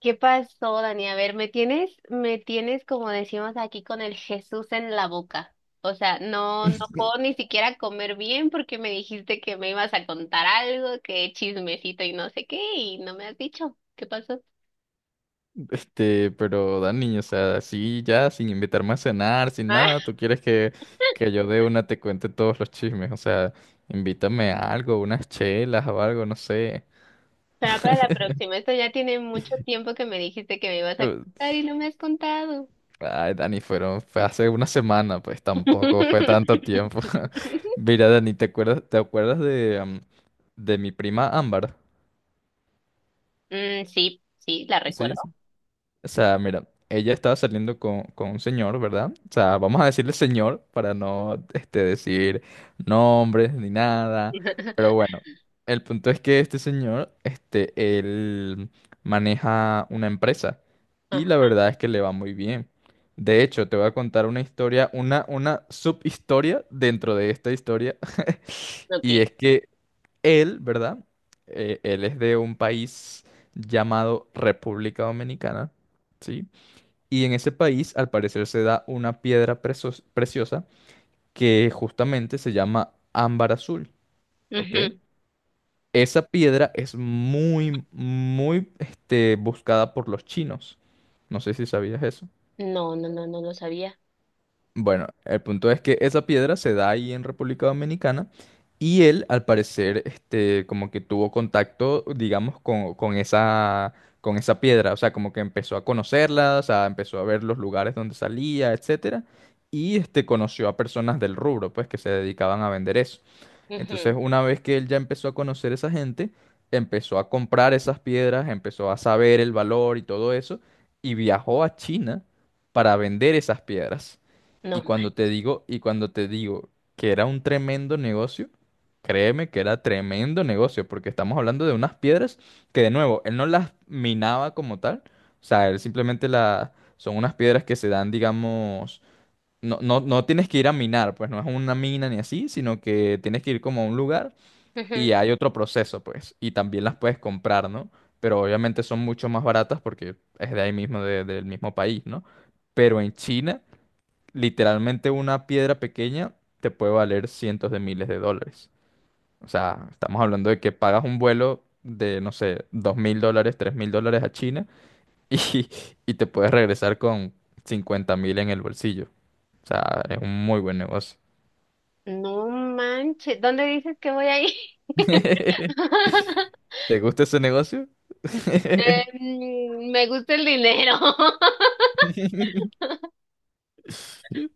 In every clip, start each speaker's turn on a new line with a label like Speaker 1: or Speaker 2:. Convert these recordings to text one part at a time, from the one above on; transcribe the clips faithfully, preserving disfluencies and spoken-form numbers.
Speaker 1: ¿Qué pasó, Dani? A ver, me tienes, me tienes como decimos aquí con el Jesús en la boca. O sea, no, no puedo ni siquiera comer bien porque me dijiste que me ibas a contar algo, que chismecito y no sé qué, y no me has dicho. ¿Qué pasó?
Speaker 2: Este, pero Dani, o sea, así ya, sin invitarme a cenar, sin
Speaker 1: Ah,
Speaker 2: nada, tú quieres que, que yo de una te cuente todos los chismes, o sea, invítame a algo, unas chelas o algo, no sé.
Speaker 1: será para la próxima. Esto ya tiene mucho tiempo que me dijiste que me ibas a
Speaker 2: Eh,
Speaker 1: contar y no me has contado.
Speaker 2: Ay, Dani, fueron, fue hace una semana, pues tampoco fue tanto tiempo. Mira, Dani, ¿te acuerdas, te acuerdas de, am, de mi prima Ámbar?
Speaker 1: Mm, sí, sí, la
Speaker 2: Sí.
Speaker 1: recuerdo.
Speaker 2: O sea, mira, ella estaba saliendo con, con un señor, ¿verdad? O sea, vamos a decirle señor para no, este, decir nombres ni nada. Pero bueno, el punto es que este señor, este, él maneja una empresa y
Speaker 1: Ah,
Speaker 2: la verdad es que le va muy bien. De hecho, te voy a contar una historia, una, una subhistoria dentro de esta historia. Y
Speaker 1: ok.
Speaker 2: es que él, ¿verdad? Eh, él es de un país llamado República Dominicana. ¿Sí? Y en ese país, al parecer, se da una piedra preso- preciosa que justamente se llama ámbar azul, ¿ok?
Speaker 1: Ujú.
Speaker 2: Esa piedra es muy, muy, este, buscada por los chinos. No sé si sabías eso.
Speaker 1: No, no, no, no lo sabía.
Speaker 2: Bueno, el punto es que esa piedra se da ahí en República Dominicana y él, al parecer, este, como que tuvo contacto, digamos, con, con esa, con esa piedra, o sea, como que empezó a conocerla, o sea, empezó a ver los lugares donde salía, etcétera, y este, conoció a personas del rubro, pues, que se dedicaban a vender eso. Entonces,
Speaker 1: Ujú.
Speaker 2: una vez que él ya empezó a conocer esa gente, empezó a comprar esas piedras, empezó a saber el valor y todo eso, y viajó a China para vender esas piedras.
Speaker 1: No.
Speaker 2: Y cuando te digo, y cuando te digo que era un tremendo negocio, créeme que era tremendo negocio, porque estamos hablando de unas piedras que, de nuevo, él no las minaba como tal, o sea, él simplemente la, son unas piedras que se dan, digamos, no, no, no tienes que ir a minar, pues no es una mina ni así, sino que tienes que ir como a un lugar y
Speaker 1: Ujú.
Speaker 2: hay otro proceso, pues, y también las puedes comprar, ¿no? Pero obviamente son mucho más baratas porque es de ahí mismo, de- del mismo país, ¿no? Pero en China, literalmente una piedra pequeña te puede valer cientos de miles de dólares. O sea, estamos hablando de que pagas un vuelo de, no sé, dos mil dólares, tres mil dólares a China y, y te puedes regresar con cincuenta mil en el bolsillo. O sea, es un muy buen negocio.
Speaker 1: No manches, ¿dónde dices que voy a ir?
Speaker 2: ¿Te gusta ese negocio?
Speaker 1: Em, me gusta el dinero.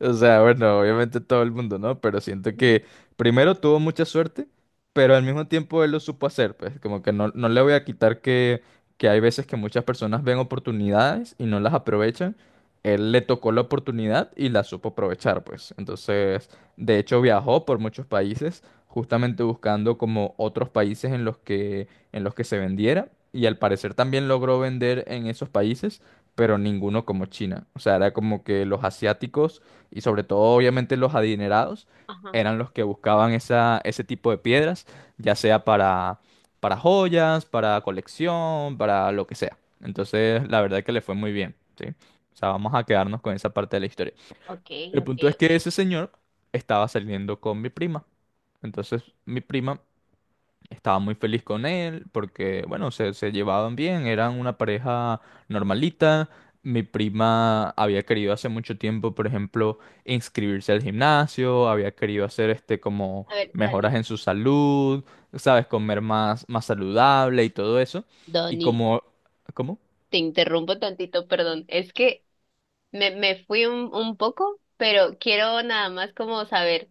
Speaker 2: O sea, bueno, obviamente todo el mundo, ¿no? Pero siento que primero tuvo mucha suerte, pero al mismo tiempo él lo supo hacer, pues como que no, no le voy a quitar que, que hay veces que muchas personas ven oportunidades y no las aprovechan. Él le tocó la oportunidad y la supo aprovechar, pues. Entonces, de hecho, viajó por muchos países, justamente buscando como otros países en los que, en los que se vendiera. Y al parecer también logró vender en esos países, pero ninguno como China. O sea, era como que los asiáticos y sobre todo obviamente los adinerados
Speaker 1: Ajá,
Speaker 2: eran los que buscaban esa, ese tipo de piedras, ya sea para, para joyas, para colección, para lo que sea. Entonces, la verdad que le fue muy bien, ¿sí? O sea, vamos a quedarnos con esa parte de la historia.
Speaker 1: ok,
Speaker 2: El
Speaker 1: ok,
Speaker 2: punto es que
Speaker 1: ok.
Speaker 2: ese señor estaba saliendo con mi prima. Entonces, mi prima estaba muy feliz con él porque, bueno, se, se llevaban bien, eran una pareja normalita. Mi prima había querido hace mucho tiempo, por ejemplo, inscribirse al gimnasio, había querido hacer este como
Speaker 1: A ver,
Speaker 2: mejoras
Speaker 1: Dani.
Speaker 2: en su salud, sabes, comer más, más saludable y todo eso. Y
Speaker 1: Dani,
Speaker 2: como, ¿cómo?
Speaker 1: te interrumpo tantito, perdón. Es que me, me fui un, un poco, pero quiero nada más como saber,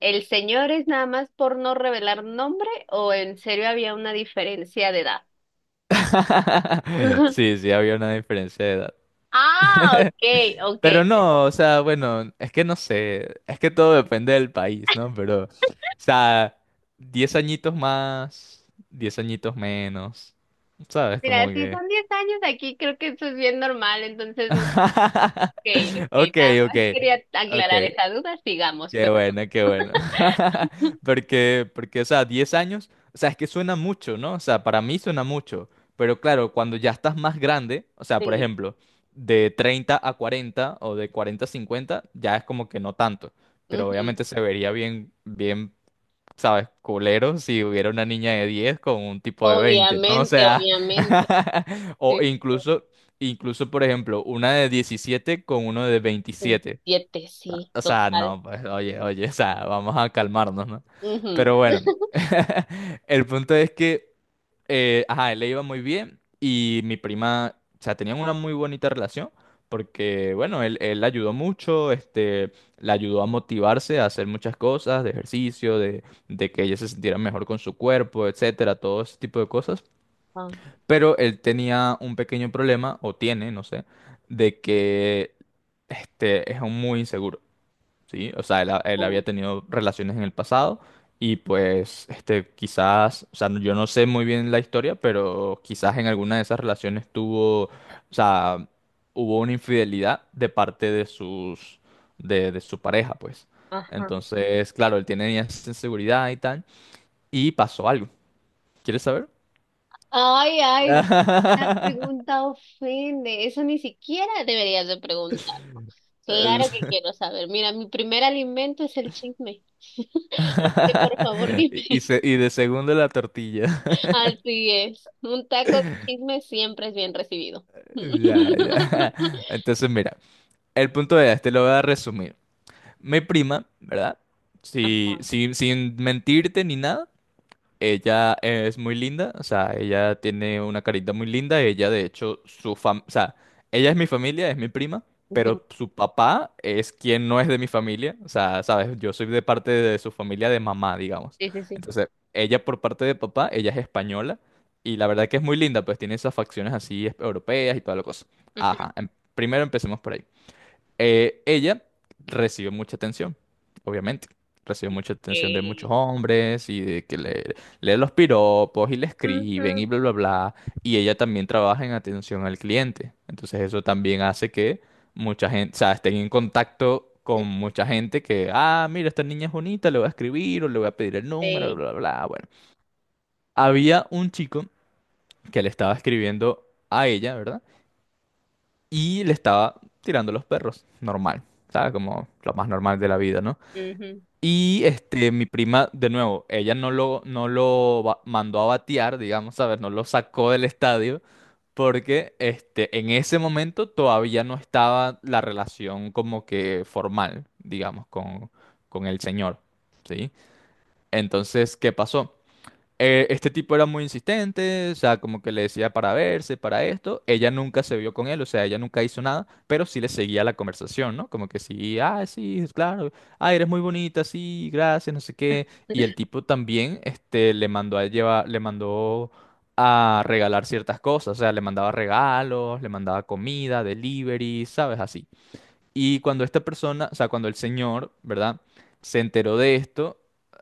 Speaker 1: ¿el señor es nada más por no revelar nombre o en serio había una diferencia de edad?
Speaker 2: Sí, sí, había una diferencia de edad.
Speaker 1: Ah, ok, ok.
Speaker 2: Pero no, o sea, bueno, es que no sé, es que todo depende del país, ¿no? Pero, o sea, diez añitos más, diez añitos menos, ¿sabes?
Speaker 1: Mira,
Speaker 2: Como
Speaker 1: si
Speaker 2: que...
Speaker 1: son diez años aquí, creo que eso es bien normal, entonces, ok,
Speaker 2: Ok,
Speaker 1: ok, nada
Speaker 2: ok,
Speaker 1: más quería
Speaker 2: ok.
Speaker 1: aclarar esa duda, sigamos,
Speaker 2: Qué
Speaker 1: pero
Speaker 2: bueno, qué bueno. Porque, porque, o sea, diez años, o sea, es que suena mucho, ¿no? O sea, para mí suena mucho, pero claro, cuando ya estás más grande, o sea, por
Speaker 1: sí,
Speaker 2: ejemplo, de treinta a cuarenta o de cuarenta a cincuenta, ya es como que no tanto, pero
Speaker 1: ujú.
Speaker 2: obviamente se vería bien, bien, ¿sabes? Culero si hubiera una niña de diez con un tipo de veinte, ¿no? O
Speaker 1: Obviamente,
Speaker 2: sea,
Speaker 1: obviamente,
Speaker 2: o
Speaker 1: sí, sí,
Speaker 2: incluso, incluso, por ejemplo, una de diecisiete con uno de
Speaker 1: sí.
Speaker 2: veintisiete.
Speaker 1: Siete, sí,
Speaker 2: O sea,
Speaker 1: total,
Speaker 2: no, pues, oye, oye, o sea, vamos a calmarnos, ¿no?
Speaker 1: ujú.
Speaker 2: Pero bueno, el punto es que, eh, ajá, él le iba muy bien y mi prima, o sea, tenían una muy bonita relación porque, bueno, él, él la ayudó mucho, este, la ayudó a motivarse a hacer muchas cosas, de ejercicio, de, de que ella se sintiera mejor con su cuerpo, etcétera, todo ese tipo de cosas.
Speaker 1: Ah,
Speaker 2: Pero él tenía un pequeño problema, o tiene, no sé, de que, este, es un muy inseguro. ¿Sí? O sea, él, ha- él había
Speaker 1: oh,
Speaker 2: tenido relaciones en el pasado y pues este, quizás, o sea, yo no sé muy bien la historia, pero quizás en alguna de esas relaciones tuvo, o sea, hubo una infidelidad de parte de sus, de, de su pareja, pues.
Speaker 1: ajá.
Speaker 2: Entonces, claro, él tenía esa inseguridad y tal, y pasó algo. ¿Quieres saber?
Speaker 1: Ay, ay, la pregunta ofende, eso ni siquiera deberías de preguntar. Claro
Speaker 2: Es-
Speaker 1: que quiero saber, mira, mi primer alimento es el chisme, así que por favor
Speaker 2: Y, y
Speaker 1: dime.
Speaker 2: se- y de segundo la tortilla.
Speaker 1: Así es. Un taco de chisme siempre es bien recibido.
Speaker 2: Ya, ya. Entonces, mira. El punto es, te lo voy a resumir. Mi prima, ¿verdad? Si-
Speaker 1: Ajá.
Speaker 2: si- sin mentirte ni nada, ella es muy linda, o sea, ella tiene una carita muy linda, ella de hecho, su fam, o sea, ella es mi familia, es mi prima,
Speaker 1: Ujú.
Speaker 2: pero su papá es quien no es de mi familia, o sea, sabes, yo soy de parte de su familia de mamá, digamos.
Speaker 1: Sí, sí, sí.
Speaker 2: Entonces, ella por parte de papá, ella es española, y la verdad que es muy linda, pues tiene esas facciones así es- europeas y toda la cosa.
Speaker 1: Ujú.
Speaker 2: Ajá, em- primero empecemos por ahí. Eh, ella recibió mucha atención, obviamente. Recibió mucha atención de
Speaker 1: Eh,
Speaker 2: muchos hombres y de que le leen los piropos y le escriben y
Speaker 1: ujú.
Speaker 2: bla, bla, bla. Y ella también trabaja en atención al cliente. Entonces eso también hace que mucha gente, o sea, estén en contacto con mucha gente que, ah, mira, esta niña es bonita, le voy a escribir o le voy a pedir el número,
Speaker 1: Eh,
Speaker 2: bla, bla, bla. Bueno, había un chico que le estaba escribiendo a ella, ¿verdad? Y le estaba tirando los perros, normal, ¿sabes? Como lo más normal de la vida, ¿no?
Speaker 1: ujú.
Speaker 2: Y este, mi prima, de nuevo, ella no lo, no lo ba- mandó a batear, digamos, ¿sabes? No lo sacó del estadio, porque este, en ese momento todavía no estaba la relación como que formal, digamos, con, con el señor, ¿sí? Entonces, ¿qué pasó? eh, este tipo era muy insistente, o sea, como que le decía para verse, para esto. Ella nunca se vio con él, o sea, ella nunca hizo nada, pero sí le seguía la conversación, ¿no? Como que sí, ah, sí, claro, ah, eres muy bonita, sí, gracias, no sé qué. Y el tipo también, este, le mandó a llevar, le mandó a regalar ciertas cosas, o sea, le mandaba regalos, le mandaba comida, delivery, ¿sabes? Así. Y cuando esta persona, o sea, cuando el señor, ¿verdad? Se enteró de esto,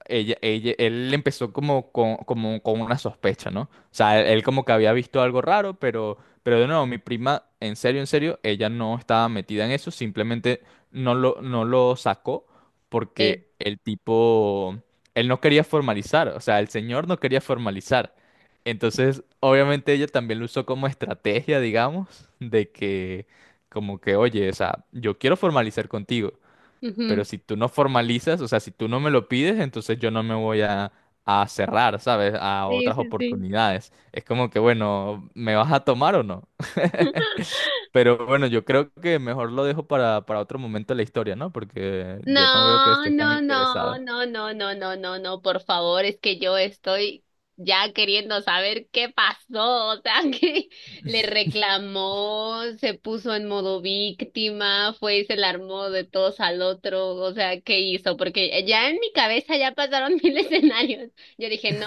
Speaker 2: ella, ella, él empezó como con, como con una sospecha, ¿no? O sea, él, él como que había visto algo raro, pero, pero de nuevo, mi prima, en serio, en serio, ella no estaba metida en eso, simplemente no lo, no lo sacó
Speaker 1: Sí.
Speaker 2: porque el tipo, él no quería formalizar, o sea, el señor no quería formalizar. Entonces, obviamente ella también lo usó como estrategia, digamos, de que como que, oye, o sea, yo quiero formalizar contigo,
Speaker 1: Ujú.
Speaker 2: pero si tú no formalizas, o sea, si tú no me lo pides, entonces yo no me voy a, a cerrar, ¿sabes? A
Speaker 1: Sí,
Speaker 2: otras
Speaker 1: sí, sí.
Speaker 2: oportunidades. Es como que, bueno, ¿me vas a tomar o no? Pero bueno, yo creo que mejor lo dejo para, para otro momento de la historia, ¿no? Porque yo no veo que
Speaker 1: No,
Speaker 2: estés tan
Speaker 1: no, no,
Speaker 2: interesada.
Speaker 1: no, no, no, no, no, no, por favor, es que yo estoy ya queriendo saber qué pasó, o sea, que le reclamó, se puso en modo víctima, fue y se la armó de todos al otro, o sea, ¿qué hizo? Porque ya en mi cabeza ya pasaron mil escenarios. Yo dije, no,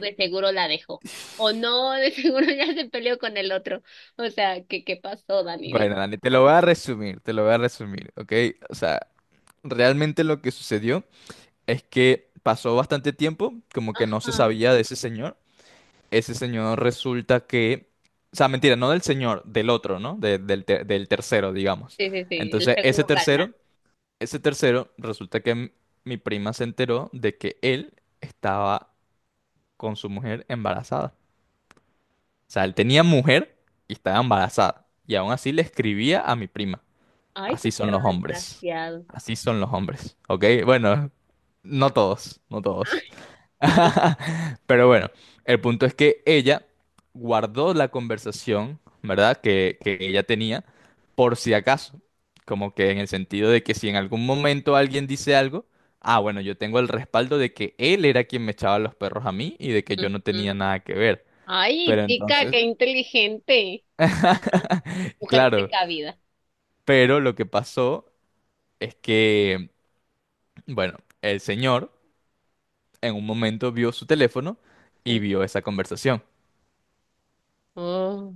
Speaker 1: de seguro la dejó, o no, de seguro ya se peleó con el otro, o sea, ¿qué, qué pasó, Dani? Dime,
Speaker 2: Bueno, Dani, te
Speaker 1: por
Speaker 2: lo
Speaker 1: favor.
Speaker 2: voy a resumir, te lo voy a resumir, ¿ok? O sea, realmente lo que sucedió es que pasó bastante tiempo, como que no se
Speaker 1: Ajá,
Speaker 2: sabía de ese señor. Ese señor resulta que... O sea, mentira, no del señor, del otro, ¿no? De- del, te- del tercero, digamos.
Speaker 1: sí, sí, sí, el
Speaker 2: Entonces, ese
Speaker 1: segundo galán.
Speaker 2: tercero, ese tercero, resulta que m- mi prima se enteró de que él estaba con su mujer embarazada. O sea, él tenía mujer y estaba embarazada. Y aún así le escribía a mi prima.
Speaker 1: Ay, qué
Speaker 2: Así son
Speaker 1: perro
Speaker 2: los hombres.
Speaker 1: desgraciado.
Speaker 2: Así son los hombres, ¿ok? Bueno, no todos, no
Speaker 1: Ah,
Speaker 2: todos. Pero bueno, el punto es que ella guardó la conversación, ¿verdad? Que, que ella tenía, por si acaso. Como que en el sentido de que si en algún momento alguien dice algo, ah, bueno, yo tengo el respaldo de que él era quien me echaba los perros a mí y de que yo no tenía
Speaker 1: ujú.
Speaker 2: nada que ver.
Speaker 1: Ay,
Speaker 2: Pero
Speaker 1: chica,
Speaker 2: entonces,
Speaker 1: qué inteligente. Ah, mujer
Speaker 2: claro,
Speaker 1: precavida.
Speaker 2: pero lo que pasó es que, bueno, el señor en un momento vio su teléfono y
Speaker 1: Sí.
Speaker 2: vio esa conversación.
Speaker 1: Oh.